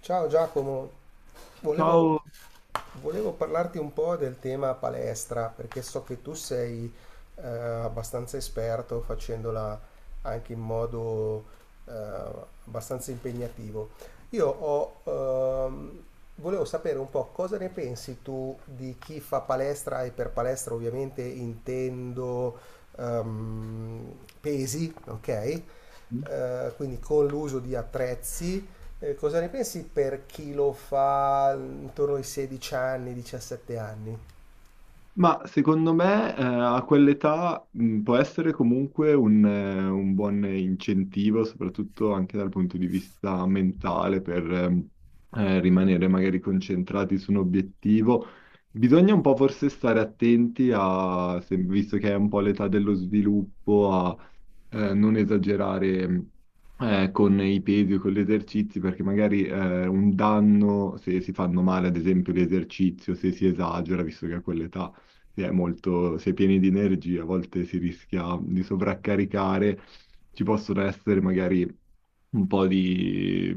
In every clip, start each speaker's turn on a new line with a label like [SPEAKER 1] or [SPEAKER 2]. [SPEAKER 1] Ciao Giacomo, volevo,
[SPEAKER 2] Ciao.
[SPEAKER 1] volevo parlarti un po' del tema palestra, perché so che tu sei abbastanza esperto facendola anche in modo eh, abbastanza impegnativo. Io ho, ehm, Volevo sapere un po' cosa ne pensi tu di chi fa palestra, e per palestra ovviamente intendo pesi, ok? Quindi con l'uso di attrezzi. Cosa ne pensi per chi lo fa intorno ai 16 anni, 17 anni?
[SPEAKER 2] Ma secondo me a quell'età può essere comunque un buon incentivo, soprattutto anche dal punto di vista mentale, per rimanere magari concentrati su un obiettivo. Bisogna un po' forse stare attenti a, visto che è un po' l'età dello sviluppo, a non esagerare con i pesi o con gli esercizi, perché magari un danno, se si fanno male, ad esempio, l'esercizio, se si esagera, visto che a quell'età si è molto, si è pieni di energie, a volte si rischia di sovraccaricare, ci possono essere magari un po' di,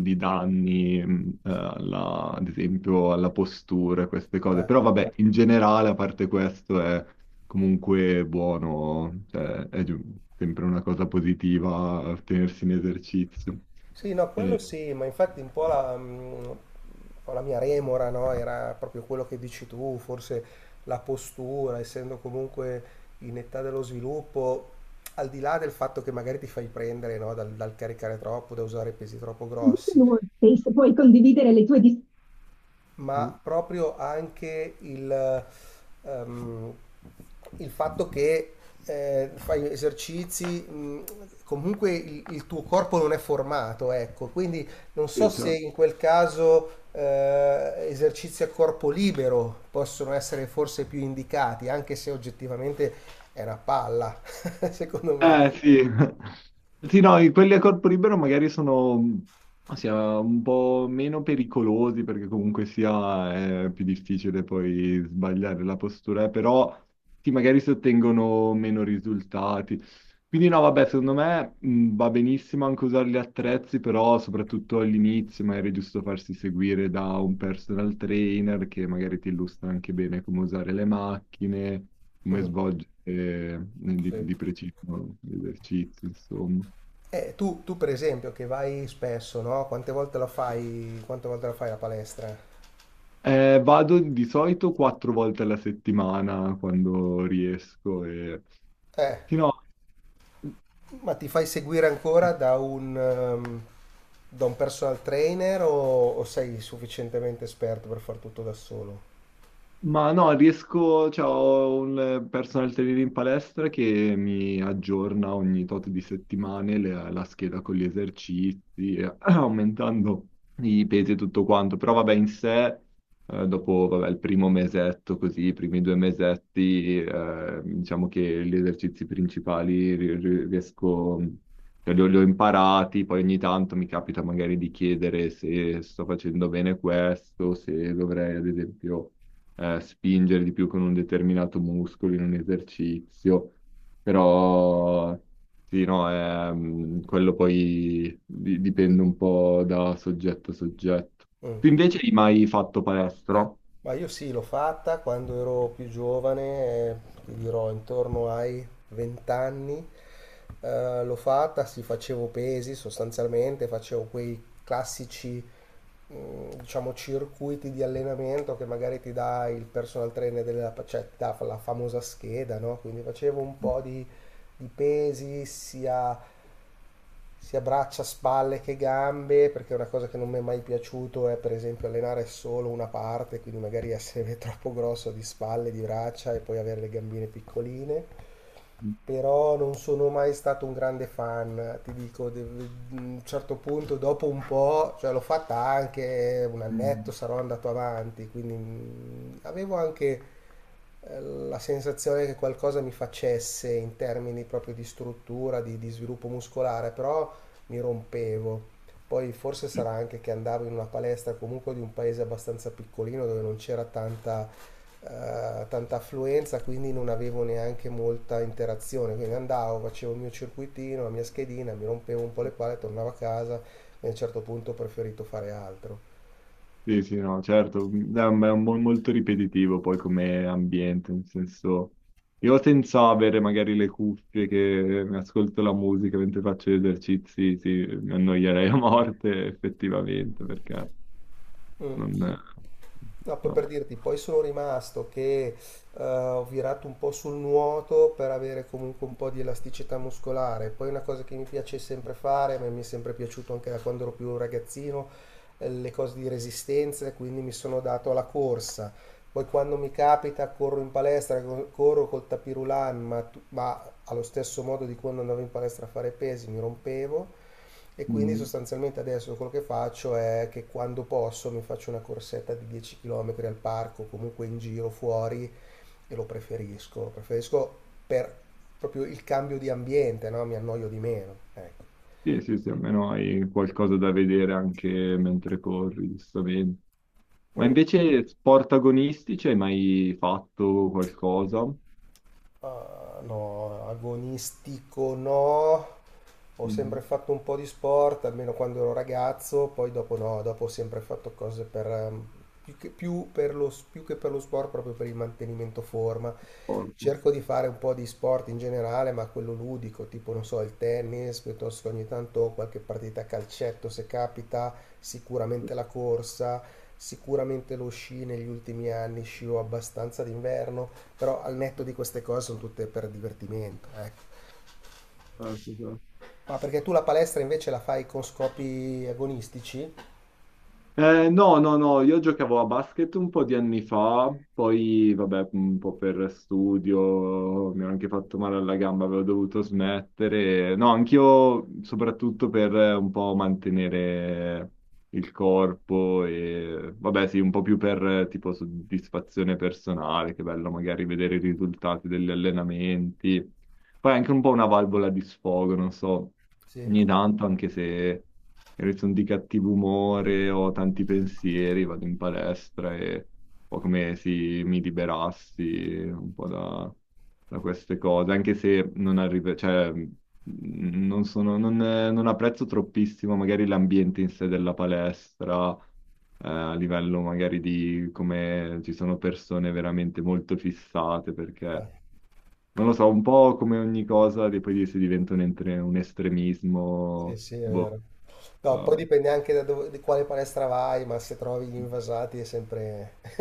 [SPEAKER 2] di danni, ad esempio alla postura, queste cose.
[SPEAKER 1] Eh.
[SPEAKER 2] Però vabbè, in generale, a parte questo, è comunque buono, cioè, sempre una cosa positiva tenersi in esercizio.
[SPEAKER 1] Sì, no, quello
[SPEAKER 2] E-
[SPEAKER 1] sì, ma infatti un po' la mia remora, no? Era proprio quello che dici tu, forse la postura, essendo comunque in età dello sviluppo, al di là del fatto che magari ti fai prendere, no, dal caricare troppo, da usare pesi troppo grossi,
[SPEAKER 2] Inoltre, se puoi condividere le tue Mm.
[SPEAKER 1] ma proprio anche ehm, il fatto che fai esercizi, comunque il tuo corpo non è formato, ecco, quindi non so
[SPEAKER 2] Sì,
[SPEAKER 1] se
[SPEAKER 2] certo.
[SPEAKER 1] in quel caso esercizi a corpo libero possono essere forse più indicati, anche se oggettivamente è una palla, secondo me.
[SPEAKER 2] Eh sì, sì no, quelli a corpo libero magari sono sia un po' meno pericolosi perché comunque sia è più difficile poi sbagliare la postura, però sì, magari si ottengono meno risultati. Quindi no, vabbè, secondo me va benissimo anche usare gli attrezzi, però soprattutto all'inizio magari è giusto farsi seguire da un personal trainer che magari ti illustra anche bene come usare le macchine, come
[SPEAKER 1] Mm,
[SPEAKER 2] svolgere
[SPEAKER 1] sì.
[SPEAKER 2] di preciso gli esercizi, insomma.
[SPEAKER 1] Tu, per esempio che vai spesso, no? Quante volte la fai la palestra?
[SPEAKER 2] Vado di solito quattro volte alla settimana quando riesco e...
[SPEAKER 1] Eh.
[SPEAKER 2] Sì, no.
[SPEAKER 1] Ma ti fai seguire ancora da da un personal trainer o sei sufficientemente esperto per far tutto da solo?
[SPEAKER 2] Ma no, riesco, cioè, ho un personal trainer in palestra che mi aggiorna ogni tot di settimane la scheda con gli esercizi, aumentando i pesi e tutto quanto. Però vabbè, in sé, dopo vabbè, il primo mesetto, così, i primi due mesetti, diciamo che gli esercizi principali riesco, cioè, li ho imparati, poi ogni tanto mi capita magari di chiedere se sto facendo bene questo, se dovrei, ad esempio spingere di più con un determinato muscolo in un esercizio, però sì, no, è, quello poi dipende un po' da soggetto a soggetto.
[SPEAKER 1] Mm.
[SPEAKER 2] Tu invece hai mai fatto palestra?
[SPEAKER 1] Ma io sì, l'ho fatta quando ero più giovane, ti dirò intorno ai 20 anni, l'ho fatta, sì, facevo pesi sostanzialmente, facevo quei classici, diciamo, circuiti di allenamento che magari ti dà il personal trainer della, cioè, ti dà la famosa scheda, no? Quindi facevo di pesi, sia braccia, spalle che gambe, perché una cosa che non mi è mai piaciuto è per esempio allenare solo una parte, quindi magari essere troppo grosso di spalle, di braccia e poi avere le gambine piccoline. Però non sono mai stato un grande fan, ti dico, a un certo punto, dopo un po', cioè l'ho fatta anche un annetto,
[SPEAKER 2] Mhm.
[SPEAKER 1] sarò andato avanti, quindi avevo anche la sensazione che qualcosa mi facesse in termini proprio di struttura, di sviluppo muscolare, però mi rompevo. Poi forse sarà anche che andavo in una palestra comunque di un paese abbastanza piccolino dove non c'era tanta affluenza, quindi non avevo neanche molta interazione. Quindi andavo, facevo il mio circuitino, la mia schedina, mi rompevo un po' le palle, tornavo a casa e a un certo punto ho preferito fare altro.
[SPEAKER 2] Sì, sì, no, certo. Mm, è un molto ripetitivo poi come ambiente, nel senso... Io senza avere magari le cuffie che mi ascolto la musica mentre faccio gli esercizi, sì, mi annoierei a morte effettivamente, perché
[SPEAKER 1] Mm.
[SPEAKER 2] non,
[SPEAKER 1] No, poi
[SPEAKER 2] no.
[SPEAKER 1] per dirti, poi sono rimasto che ho virato un po' sul nuoto per avere comunque un po' di elasticità muscolare. Poi una cosa che mi piace sempre fare, ma mi è sempre piaciuto anche da quando ero più ragazzino, le cose di resistenza, e quindi mi sono dato alla corsa. Poi quando mi capita corro in palestra, corro col tapirulan, ma allo stesso modo di quando andavo in palestra a fare pesi mi rompevo. E quindi
[SPEAKER 2] Mm.
[SPEAKER 1] sostanzialmente adesso quello che faccio è che quando posso mi faccio una corsetta di 10 km al parco, comunque in giro fuori, e lo preferisco per proprio il cambio di ambiente, no? Mi annoio di meno. Ecco.
[SPEAKER 2] Sì, sì, sì, almeno hai qualcosa da vedere anche mentre corri, giustamente. Ma
[SPEAKER 1] Mm.
[SPEAKER 2] invece sport agonistici hai mai fatto qualcosa?
[SPEAKER 1] Ah, no, agonistico no. Ho sempre
[SPEAKER 2] Mhm.
[SPEAKER 1] fatto un po' di sport, almeno quando ero ragazzo, poi dopo no, dopo ho sempre fatto cose per, più che, più per più che per lo sport, proprio per il mantenimento forma.
[SPEAKER 2] Sport.
[SPEAKER 1] Cerco di fare un po' di sport in generale, ma quello ludico, tipo, non so, il tennis, piuttosto che ogni tanto qualche partita a calcetto se capita, sicuramente la corsa, sicuramente lo sci negli ultimi anni, scio abbastanza d'inverno, però al netto di queste cose sono tutte per divertimento, ecco.
[SPEAKER 2] Certo, certo.
[SPEAKER 1] Ma perché tu la palestra invece la fai con scopi agonistici?
[SPEAKER 2] No, no, no, io giocavo a basket un po' di anni fa, poi vabbè, un po' per studio mi ho anche fatto male alla gamba, avevo dovuto smettere. No, anch'io soprattutto per un po' mantenere il corpo e vabbè, sì, un po' più per tipo soddisfazione personale, che bello magari vedere i risultati degli allenamenti. Poi è anche un po' una valvola di sfogo, non so,
[SPEAKER 1] Sì.
[SPEAKER 2] ogni tanto, anche se magari sono di cattivo umore o ho tanti pensieri, vado in palestra e un po' come se mi liberassi un po' da, da queste cose, anche se non arrivo, cioè, non sono, non apprezzo troppissimo magari l'ambiente in sé della palestra a livello magari di come ci sono persone veramente molto fissate perché
[SPEAKER 1] Eh.
[SPEAKER 2] non lo so, un po' come ogni cosa, di poi si diventa un
[SPEAKER 1] Sì,
[SPEAKER 2] estremismo,
[SPEAKER 1] sì, è
[SPEAKER 2] boh.
[SPEAKER 1] vero. No, poi
[SPEAKER 2] Ah,
[SPEAKER 1] dipende anche da dove, di quale palestra vai, ma se trovi gli invasati è sempre,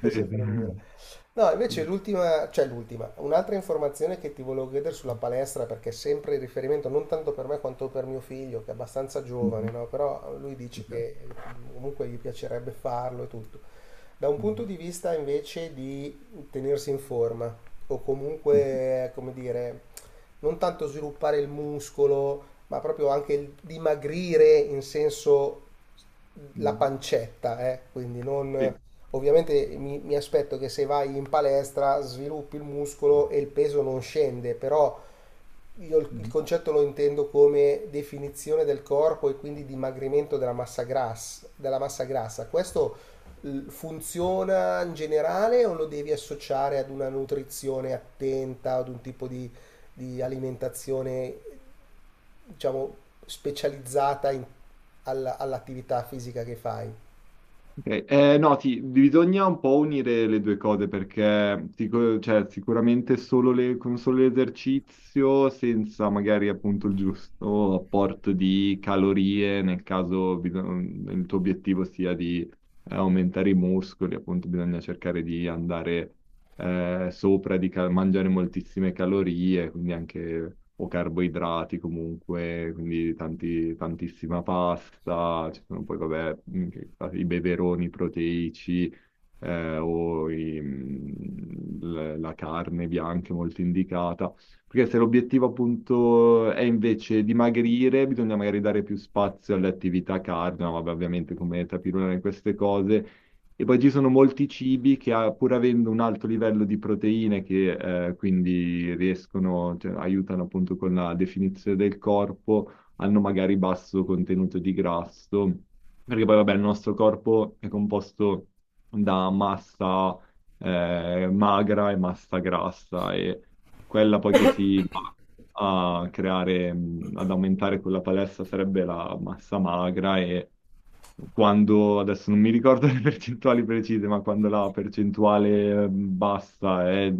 [SPEAKER 1] è sempre dura.
[SPEAKER 2] sì.
[SPEAKER 1] No, invece l'ultima, cioè l'ultima, un'altra informazione che ti volevo chiedere sulla palestra, perché è sempre il riferimento non tanto per me quanto per mio figlio, che è abbastanza giovane, no? Però lui dice che comunque gli piacerebbe farlo e tutto. Da un punto di vista invece di tenersi in forma, o comunque, come dire, non tanto sviluppare il muscolo, ma proprio anche il dimagrire in senso la pancetta, eh? Quindi non...
[SPEAKER 2] Sì.
[SPEAKER 1] Ovviamente mi aspetto che se vai in palestra sviluppi il muscolo e il peso non scende, però io il concetto lo intendo come definizione del corpo e quindi dimagrimento della massa grassa, della massa grassa. Questo funziona in generale o lo devi associare ad una nutrizione attenta, ad un tipo di alimentazione diciamo, specializzata all'attività fisica che fai.
[SPEAKER 2] Ok, no, bisogna un po' unire le due cose perché cioè, sicuramente solo con solo l'esercizio, senza magari appunto il giusto apporto di calorie, nel caso il tuo obiettivo sia di aumentare i muscoli, appunto bisogna cercare di andare sopra di mangiare moltissime calorie, quindi anche o carboidrati comunque, quindi tantissima pasta, ci sono poi vabbè, i beveroni proteici la carne bianca è molto indicata, perché se l'obiettivo appunto è invece dimagrire, bisogna magari dare più spazio alle attività cardio, ma vabbè, ovviamente come tapirulare in queste cose e poi ci sono molti cibi che, ah, pur avendo un alto livello di proteine, che quindi riescono, cioè, aiutano appunto con la definizione del corpo, hanno magari basso contenuto di grasso, perché poi vabbè il nostro corpo è composto da massa magra e massa grassa e quella poi che si va a creare, ad aumentare quella palestra sarebbe la massa magra e quando, adesso non mi ricordo le percentuali precise, ma quando la percentuale bassa è,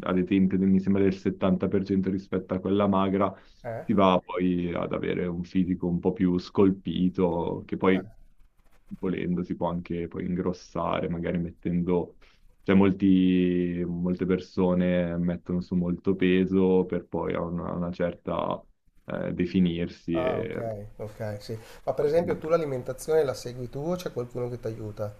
[SPEAKER 2] ad esempio, mi sembra del 70% rispetto a quella magra,
[SPEAKER 1] Eh?
[SPEAKER 2] si va poi ad avere un fisico un po' più scolpito, che poi volendo si può anche poi ingrossare, magari mettendo cioè, molte persone mettono su molto peso per poi a una certa definirsi.
[SPEAKER 1] Ah,
[SPEAKER 2] E...
[SPEAKER 1] ok, ok, sì. Ma per esempio tu l'alimentazione la segui tu o c'è qualcuno che ti aiuta?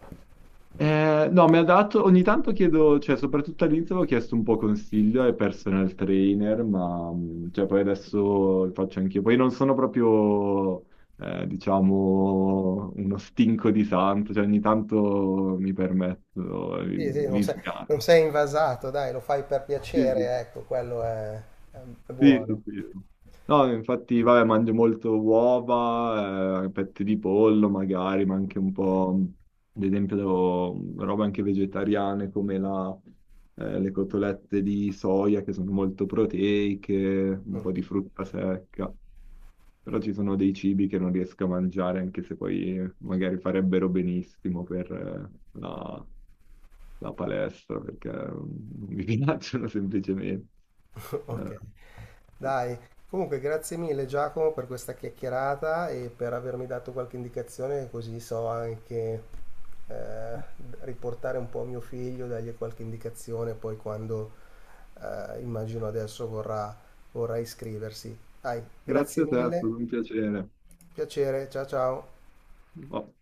[SPEAKER 2] No, mi ha dato, ogni tanto chiedo, cioè soprattutto all'inizio avevo chiesto un po' consiglio ai personal trainer, ma cioè, poi adesso lo faccio anch'io. Poi non sono proprio, diciamo, uno stinco di santo, cioè ogni tanto mi permetto
[SPEAKER 1] Sì, sì,
[SPEAKER 2] gli sgarri.
[SPEAKER 1] non sei invasato, dai, lo fai per
[SPEAKER 2] Sì, sì.
[SPEAKER 1] piacere, ecco, quello è
[SPEAKER 2] Sì,
[SPEAKER 1] buono.
[SPEAKER 2] sì, sì. No, infatti, vabbè, mangio molto uova, petti di pollo magari, ma anche un po', ad esempio, robe anche vegetariane come la, le cotolette di soia che sono molto proteiche, un
[SPEAKER 1] Mm.
[SPEAKER 2] po' di frutta secca. Però ci sono dei cibi che non riesco a mangiare, anche se poi magari farebbero benissimo per la palestra, perché mm, non mi piacciono semplicemente.
[SPEAKER 1] Ok,
[SPEAKER 2] Eh.
[SPEAKER 1] dai. Comunque, grazie mille Giacomo per questa chiacchierata e per avermi dato qualche indicazione, così so anche eh, riportare un po' a mio figlio, dargli qualche indicazione, poi quando immagino adesso vorrà, vorrà iscriversi. Dai, grazie
[SPEAKER 2] Grazie a te, è stato
[SPEAKER 1] mille,
[SPEAKER 2] un piacere.
[SPEAKER 1] piacere, ciao ciao.
[SPEAKER 2] Oh.